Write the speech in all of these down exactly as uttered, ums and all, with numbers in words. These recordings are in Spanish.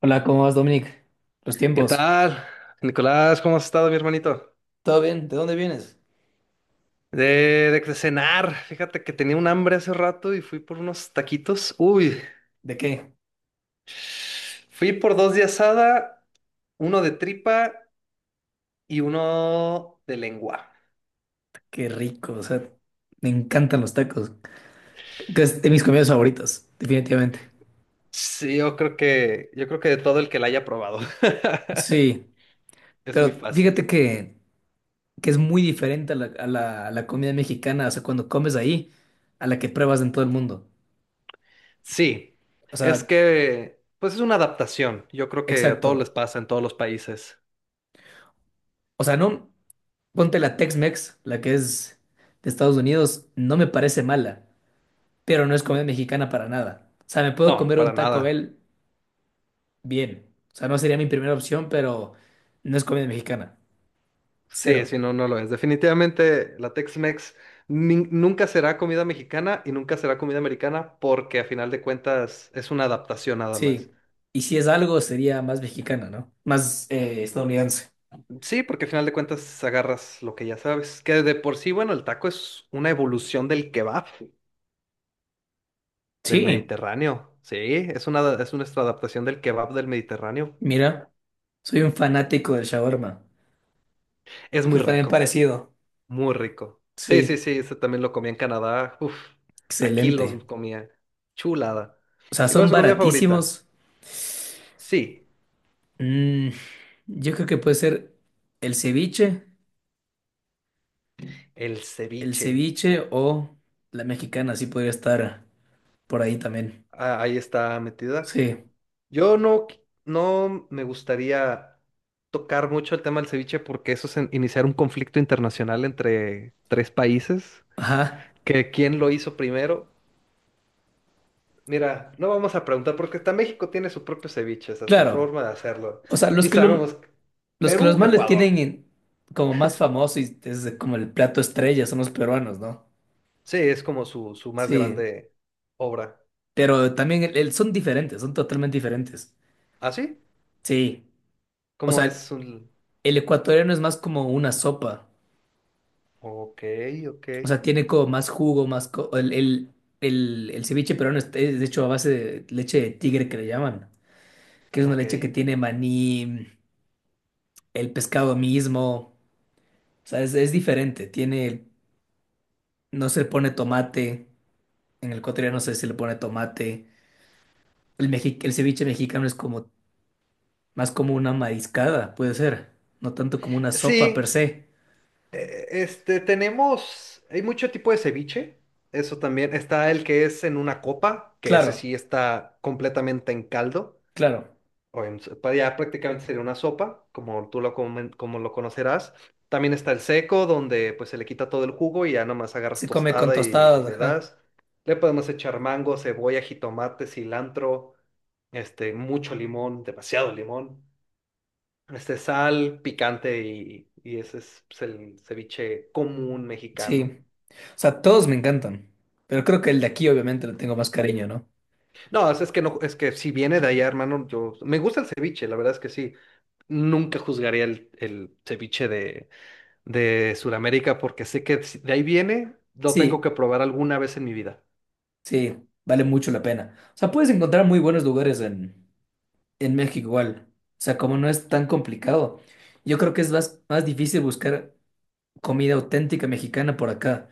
Hola, ¿cómo vas, Dominic? Los ¿Qué tiempos. tal? Nicolás, ¿cómo has estado, mi hermanito? ¿Todo bien? ¿De dónde vienes? De, de, de cenar, fíjate que tenía un hambre hace rato y fui por unos taquitos. Uy, ¿De qué? fui por dos de asada, uno de tripa y uno de lengua. Qué rico, o sea, me encantan los tacos. Que es de mis comidas favoritas, definitivamente. Sí, yo creo que, yo creo que de todo el que la haya probado. Sí, Es muy pero fácil. fíjate que, que es muy diferente a la, a la, a la comida mexicana, o sea, cuando comes ahí, a la que pruebas en todo el mundo. Sí, O es sea, que, pues es una adaptación. Yo creo que a todos exacto. les pasa en todos los países. O sea, no, ponte la Tex-Mex, la que es de Estados Unidos, no me parece mala, pero no es comida mexicana para nada. O sea, me puedo No, comer un para Taco nada. Bell bien. O sea, no sería mi primera opción, pero no es comida mexicana. Sí, Cero. sí, no, no lo es. Definitivamente la Tex-Mex nin- nunca será comida mexicana y nunca será comida americana porque a final de cuentas es una adaptación nada Sí. más. Y si es algo, sería más mexicana, ¿no? Más eh, estadounidense. Sí, porque a final de cuentas agarras lo que ya sabes. Que de por sí, bueno, el taco es una evolución del kebab del Sí, Mediterráneo. Sí, es una, es nuestra adaptación del kebab del Mediterráneo. mira, soy un fanático del shawarma, Es que muy está bien rico, parecido. muy rico. Sí, sí, Sí, sí, ese también lo comía en Canadá. Uf, aquí los excelente. comía. Chulada. O sea, ¿Y cuál son es su comida favorita? baratísimos. Sí. Mm, yo creo que puede ser el ceviche, El el ceviche. ceviche o la mexicana, sí podría estar por ahí también. Ah, ahí está metida. Sí, Yo no, qui- no me gustaría tocar mucho el tema del ceviche porque eso es en- iniciar un conflicto internacional entre tres países. ajá, Que quién lo hizo primero. Mira, no vamos a preguntar porque hasta México tiene su propio ceviche, o sea, su claro. forma de hacerlo. O sea, los Y que lo, sabemos, los que los Perú, más les Ecuador. tienen en- como más famoso y es como el plato estrella son los peruanos, ¿no? Sí, es como su, su más Sí, grande obra. pero también el- el- son diferentes, son totalmente diferentes. ¿Ah, sí? Sí, o Como es sea, un... el ecuatoriano es más como una sopa, Ok, ok, o sea, tiene como más jugo, más... co- el, el, el, el ceviche peruano es es de hecho a base de leche de tigre que le llaman, que es una ok. leche que tiene maní, el pescado mismo, o sea, es, es diferente, tiene, no se le pone tomate, en el ecuatoriano no sé si le pone tomate. El, mexi- el ceviche mexicano es como más como una mariscada, puede ser, no tanto como una sopa per Sí. se. Eh, este, tenemos, hay mucho tipo de ceviche, eso también. Está el que es en una copa, que Claro, ese sí está completamente en caldo, claro. o en, s- ya prácticamente sería una sopa, como tú lo, comen- como lo conocerás. También está el seco, donde pues se le quita todo el jugo y ya nomás agarras Se come con tostada y, y tostadas, le ajá. das. Le podemos echar mango, cebolla, jitomate, cilantro, este, mucho limón, demasiado limón. Este, sal, picante y, y ese es pues el ceviche común mexicano. Sí. O sea, todos me encantan, pero creo que el de aquí obviamente le tengo más cariño, ¿no? No, es, es que no, es que si viene de allá, hermano, yo me gusta el ceviche, la verdad es que sí. Nunca juzgaría el, el ceviche de, de Sudamérica porque sé que si de ahí viene, lo tengo Sí, que probar alguna vez en mi vida. sí, vale mucho la pena. O sea, puedes encontrar muy buenos lugares en, en México igual. O sea, como no es tan complicado, yo creo que es más, más difícil buscar comida auténtica mexicana por acá.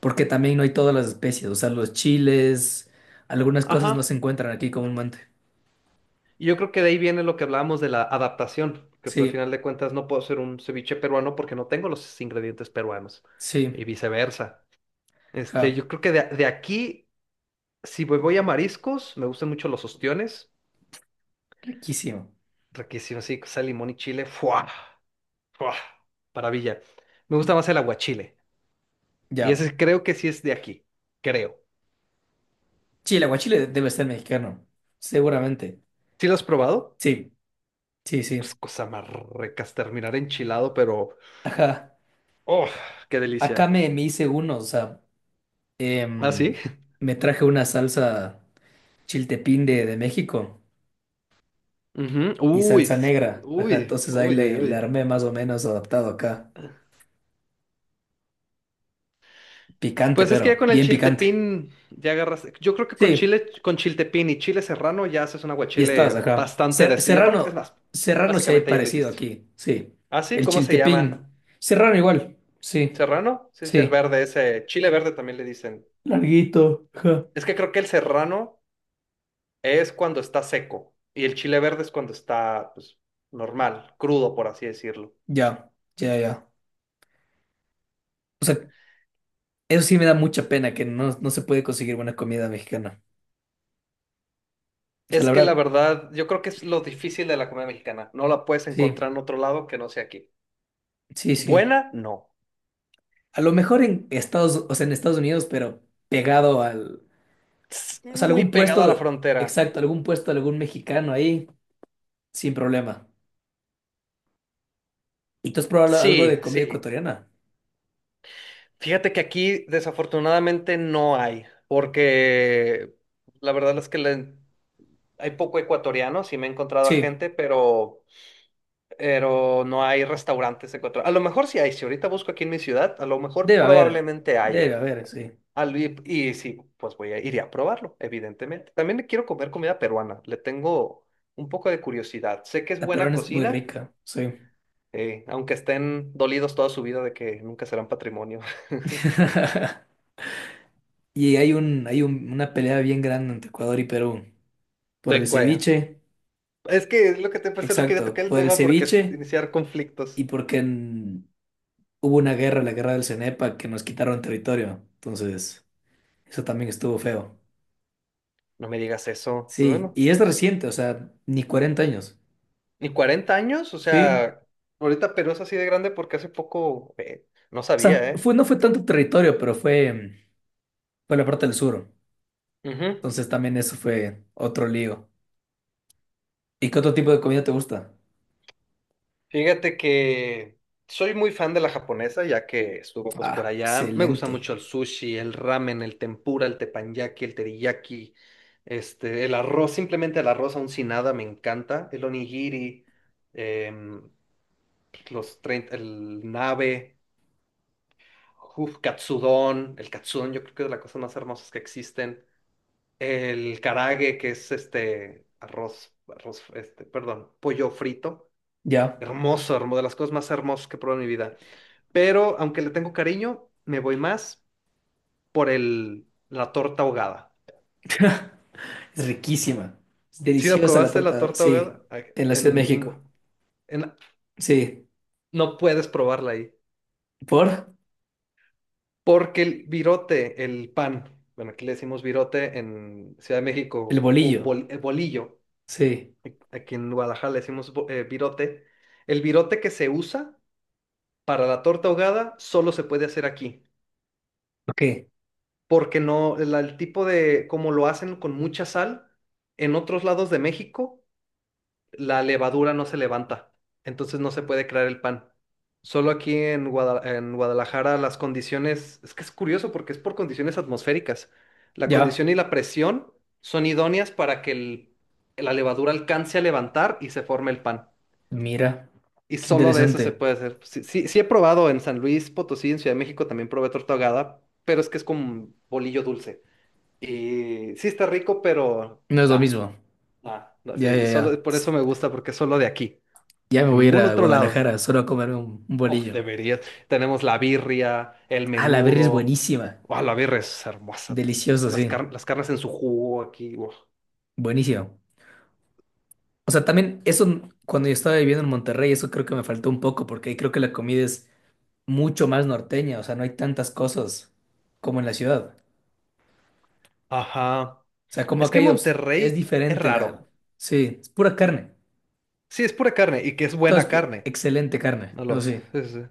Porque también no hay todas las especies, o sea, los chiles, algunas cosas no Ajá. se encuentran aquí comúnmente. Y yo creo que de ahí viene lo que hablábamos de la adaptación, que pues al Sí, final de cuentas no puedo hacer un ceviche peruano porque no tengo los ingredientes peruanos sí, y viceversa. Este, ja, yo creo que de, de aquí. Si voy voy a mariscos, me gustan mucho los ostiones. riquísimo. Riquísimo, sí, sal, limón y chile. ¡Fua! ¡Fua! Maravilla. Me gusta más el aguachile. Y Ya. ese creo que sí es de aquí. Creo. Sí, el aguachile debe ser mexicano, seguramente. ¿Sí lo has probado? Sí, sí, Pues sí. cosa más ricas, terminar enchilado, pero. Ajá. ¡Oh! ¡Qué Acá delicia! me, me hice uno, o sea, ¿Ah, sí? em, me traje una salsa chiltepín de, de México Ujú. y Uy, salsa s- negra. Ajá, uy, entonces ahí uy, uy, le, le uy. armé más o menos adaptado acá. Picante, Pues es que ya pero con el bien picante. chiltepín ya agarras. Yo creo que con Sí. chile, con chiltepín y chile serrano ya haces un Y estabas aguachile acá. bastante de Ser- sí. Y aparte- es Serrano, más, Serrano sí hay básicamente ya lo parecido hiciste. aquí, sí. Ah, sí, El ¿cómo se Chiltepín. llama? Serrano igual, sí, ¿Serrano? Sí, sí, el sí. verde, ese chile verde también le dicen. Larguito, ajá. Es que creo que el serrano es cuando está seco y el chile verde es cuando está, pues, normal, crudo, por así decirlo. Ya, ya, ya. O sea, eso sí me da mucha pena que no, no se puede conseguir buena comida mexicana. O sea, Es la que la verdad, verdad, yo creo que es lo difícil de la comida mexicana. No la puedes sí, encontrar en otro lado que no sea aquí. sí, sí. Buena, no. A lo mejor en Estados, o sea, en Estados Unidos, pero pegado al, Tss, o sea, muy algún pegado a la puesto, frontera. exacto, algún puesto, de algún mexicano ahí, sin problema. ¿Y tú has probado algo de Sí, comida sí. ecuatoriana? Fíjate que aquí desafortunadamente no hay, porque la verdad es que la... hay poco ecuatoriano, sí me he encontrado a Sí. gente, pero, pero no hay restaurantes ecuatorianos. A lo mejor sí hay, si ahorita busco aquí en mi ciudad, a lo mejor Debe haber, probablemente debe haya. haber, sí. Al- Y, y sí, pues voy a, iré a probarlo, evidentemente. También quiero comer comida peruana, le tengo un poco de curiosidad. Sé que es La buena peruana es muy cocina, rica, sí. eh, aunque estén dolidos toda su vida de que nunca serán patrimonio. Y hay un, hay un- una pelea bien grande entre Ecuador y Perú. Por el De cuaya. ceviche, Es que es lo que te pensé, no quería exacto, tocar el por el tema porque es ceviche iniciar y conflictos. porque en- hubo una guerra, la guerra del Cenepa, que nos quitaron territorio. Entonces, eso también estuvo feo. No me digas eso. Pero Sí, bueno, y es reciente, o sea, ni cuarenta años. ¿y cuarenta años? O Sí. sea, ahorita Perú es así de grande porque hace poco, eh, no O sea, sabía, ¿eh? fue, no fue tanto territorio, pero fue, mm, fue la parte del sur. Ujú. Entonces también eso fue otro lío. ¿Y qué otro tipo de comida te gusta? Fíjate que soy muy fan de la japonesa, ya que estuvo pues por Ah, allá. Me gusta excelente. mucho el sushi, el ramen, el tempura, el teppanyaki, el teriyaki, este, el arroz, simplemente el arroz aún sin nada me encanta, el onigiri, em, los treinta, el nabe, uf, katsudon, el katsudon yo creo que es de las cosas más hermosas que existen. El karage, que es este arroz, arroz, este, perdón, pollo frito. Ya. Hermoso, hermoso, de las cosas más hermosas que he probado en mi vida. Pero aunque le tengo cariño, me voy más por el, la torta ahogada. Es riquísima. Es ¿Si la deliciosa la probaste la torta, torta sí. ahogada? Ay, En la Ciudad de En, en México. Gua- en- Sí. no puedes probarla ahí. ¿Por? Porque el virote, el pan, bueno, aquí le decimos virote... en Ciudad de El México, bo- bolillo. bol- eh, bolillo. Sí. Aquí en Guadalajara le decimos bo- eh, virote. El virote que se usa para la torta ahogada solo se puede hacer aquí, Ok. porque no, la- el tipo de, como lo hacen con mucha sal, en otros lados de México la levadura no se levanta, entonces no se puede crear el pan. Solo aquí en Guada- en Guadalajara las condiciones, es que es curioso porque es por condiciones atmosféricas. La Ya. condición y la presión son idóneas para que el- la levadura alcance a levantar y se forme el pan. Mira. Y Qué solo de eso se interesante. puede hacer. Sí, sí, sí, he probado en San Luis Potosí, en Ciudad de México también probé torta ahogada, pero es que es como bolillo dulce. Y sí está rico, pero No es lo da, mismo. da, da, Ya, sí. Y ya, ya. solo por eso Tss, me gusta, porque es solo de aquí, ya me en voy a ir ningún a otro lado. Guadalajara solo a comerme un, un Oh, bolillo. deberías. Tenemos la birria, el Ah, la birria es menudo. buenísima. Oh, la birria es hermosa también. Delicioso, Las, sí. car- las carnes en su jugo aquí. Uf. Buenísimo. O sea, también eso cuando yo estaba viviendo en Monterrey, eso creo que me faltó un poco porque ahí creo que la comida es mucho más norteña, o sea, no hay tantas cosas como en la ciudad. Ajá. O sea, como Es acá que hay obs- es Monterrey es diferente la... raro. Sí, es pura carne. Sí, es pura carne y que es Todo es buena pu- carne. excelente carne, No no lo sé. sé.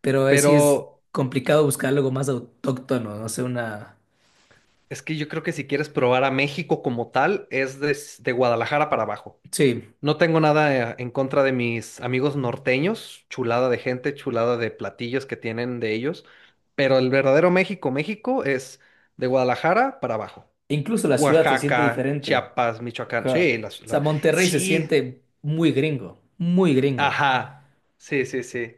Pero eh, sí es Pero complicado buscar algo más autóctono, no sé, una... es que yo creo que si quieres probar a México como tal, es des- de Guadalajara para abajo. Sí, No tengo nada, eh, en contra de mis amigos norteños, chulada de gente, chulada de platillos que tienen de ellos, pero el verdadero México, México es de Guadalajara para abajo. incluso la ciudad se siente Oaxaca, diferente. Chiapas, Michoacán. Ajá. Sí, las- O sea, la- Monterrey se sí, siente muy gringo, muy gringo. ajá. Sí, sí, sí.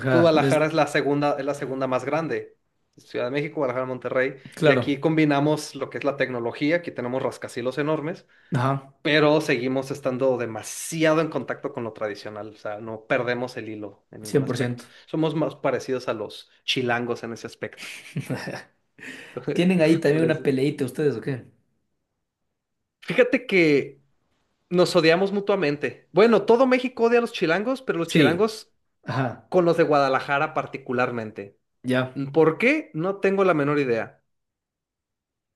Y pues es... Guadalajara es la segunda, es la segunda más grande. Ciudad de México, Guadalajara, Monterrey. Y claro. aquí combinamos lo que es la tecnología, aquí tenemos rascacielos enormes, Ajá, pero seguimos estando demasiado en contacto con lo tradicional, o sea, no perdemos el hilo en ningún cien por ciento, aspecto. Somos más parecidos a los chilangos en ese aspecto. ¿Tienen ahí Como también les... una peleita ustedes o qué? fíjate que nos odiamos mutuamente. Bueno, todo México odia a los chilangos, pero los Sí, chilangos ajá, con los de Guadalajara particularmente. ya. ¿Por qué? No tengo la menor idea.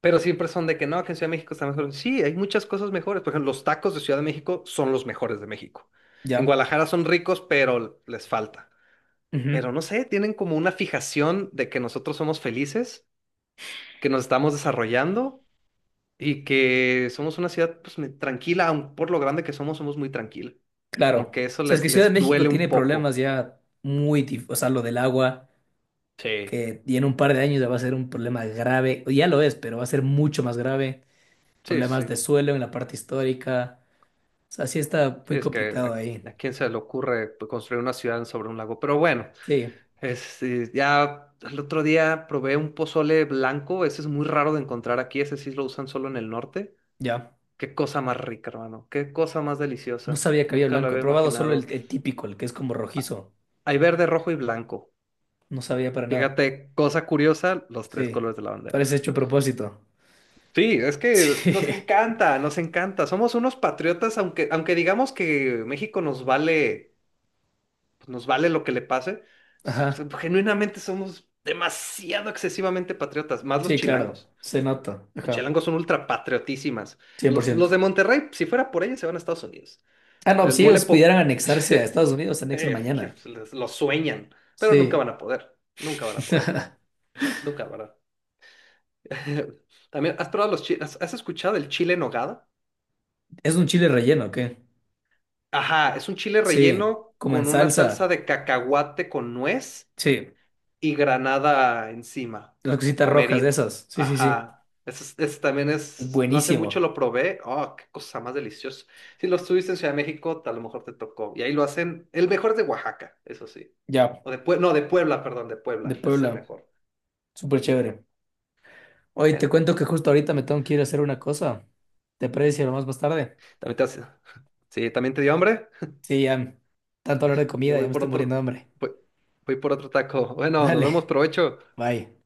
Pero siempre son de que no, que en Ciudad de México está mejor. Sí, hay muchas cosas mejores. Por ejemplo, los tacos de Ciudad de México son los mejores de México. En Ya, Guadalajara son ricos, pero les falta. Pero ujú, no sé, tienen como una fijación de que nosotros somos felices, que nos estamos desarrollando y que somos una ciudad pues, me- tranquila, aun por lo grande que somos, somos muy tranquila. Como claro. que O eso sea, es les, que Ciudad de les México duele un tiene poco. problemas ya muy, dif- o sea, lo del agua, Sí. que y en un par de años ya va a ser un problema grave, o ya lo es, pero va a ser mucho más grave, Sí, problemas sí. de suelo en la parte histórica, o sea, sí está Sí, muy es que complicado a, ahí. a quién se le ocurre pues construir una ciudad sobre un lago. Pero bueno. Sí, Este, ya el otro día probé un pozole blanco, ese es muy raro de encontrar aquí, ese sí lo usan solo en el norte. ya. Qué cosa más rica, hermano, qué cosa más No deliciosa. sabía que había Nunca lo blanco, he había probado solo imaginado. el, el típico, el que es como rojizo, Hay verde, rojo y blanco. no sabía para nada. Fíjate, cosa curiosa, los tres Sí, colores de la bandera. parece hecho a propósito. Sí, es que Sí, nos encanta, nos encanta. Somos unos patriotas, aunque, aunque digamos que México nos vale, pues nos vale lo que le pase, s- ajá, genuinamente somos demasiado excesivamente patriotas, más los sí, claro, chilangos. se nota, Los ajá, chilangos son ultra patriotísimas. Cien por Los, ciento. los de Monterrey, si fuera por ellos, se van a Estados Unidos. Ah, no, El si mole ellos pudieran po- anexarse a Estados Unidos, se anexan eh, que mañana. les- lo sueñan, pero nunca Sí. van a poder. Nunca van a poder. Nunca, ¿verdad? También, ¿has probado los chiles? ¿Has has escuchado el chile en nogada? ¿Es un chile relleno, qué? Ajá, es un chile Sí, relleno como en con una salsa salsa. de cacahuate con nuez Sí, y granada encima, las o cositas rojas de pomerino. esas. Sí, sí, sí. Ajá. Ese, es- ese también Es es, no hace mucho buenísimo. lo probé. Oh, qué cosa más deliciosa. Si lo estuviste en Ciudad de México, a lo mejor te tocó. Y ahí lo hacen, el mejor es de Oaxaca, eso sí. Ya, O de Puebla, no, de Puebla, perdón, de Puebla. de Ese es el Puebla. mejor. Súper chévere. Oye, Eh, te cuento que justo ahorita me tengo que ir a hacer una cosa. ¿Te parece si hablamos más tarde? También te hace- sí, también te dio hambre. Sí, ya. Tanto hablar de Yo comida, ya voy me por estoy muriendo de otro, hambre. voy, voy por otro taco. Bueno, nos Dale. vemos, provecho. Bye.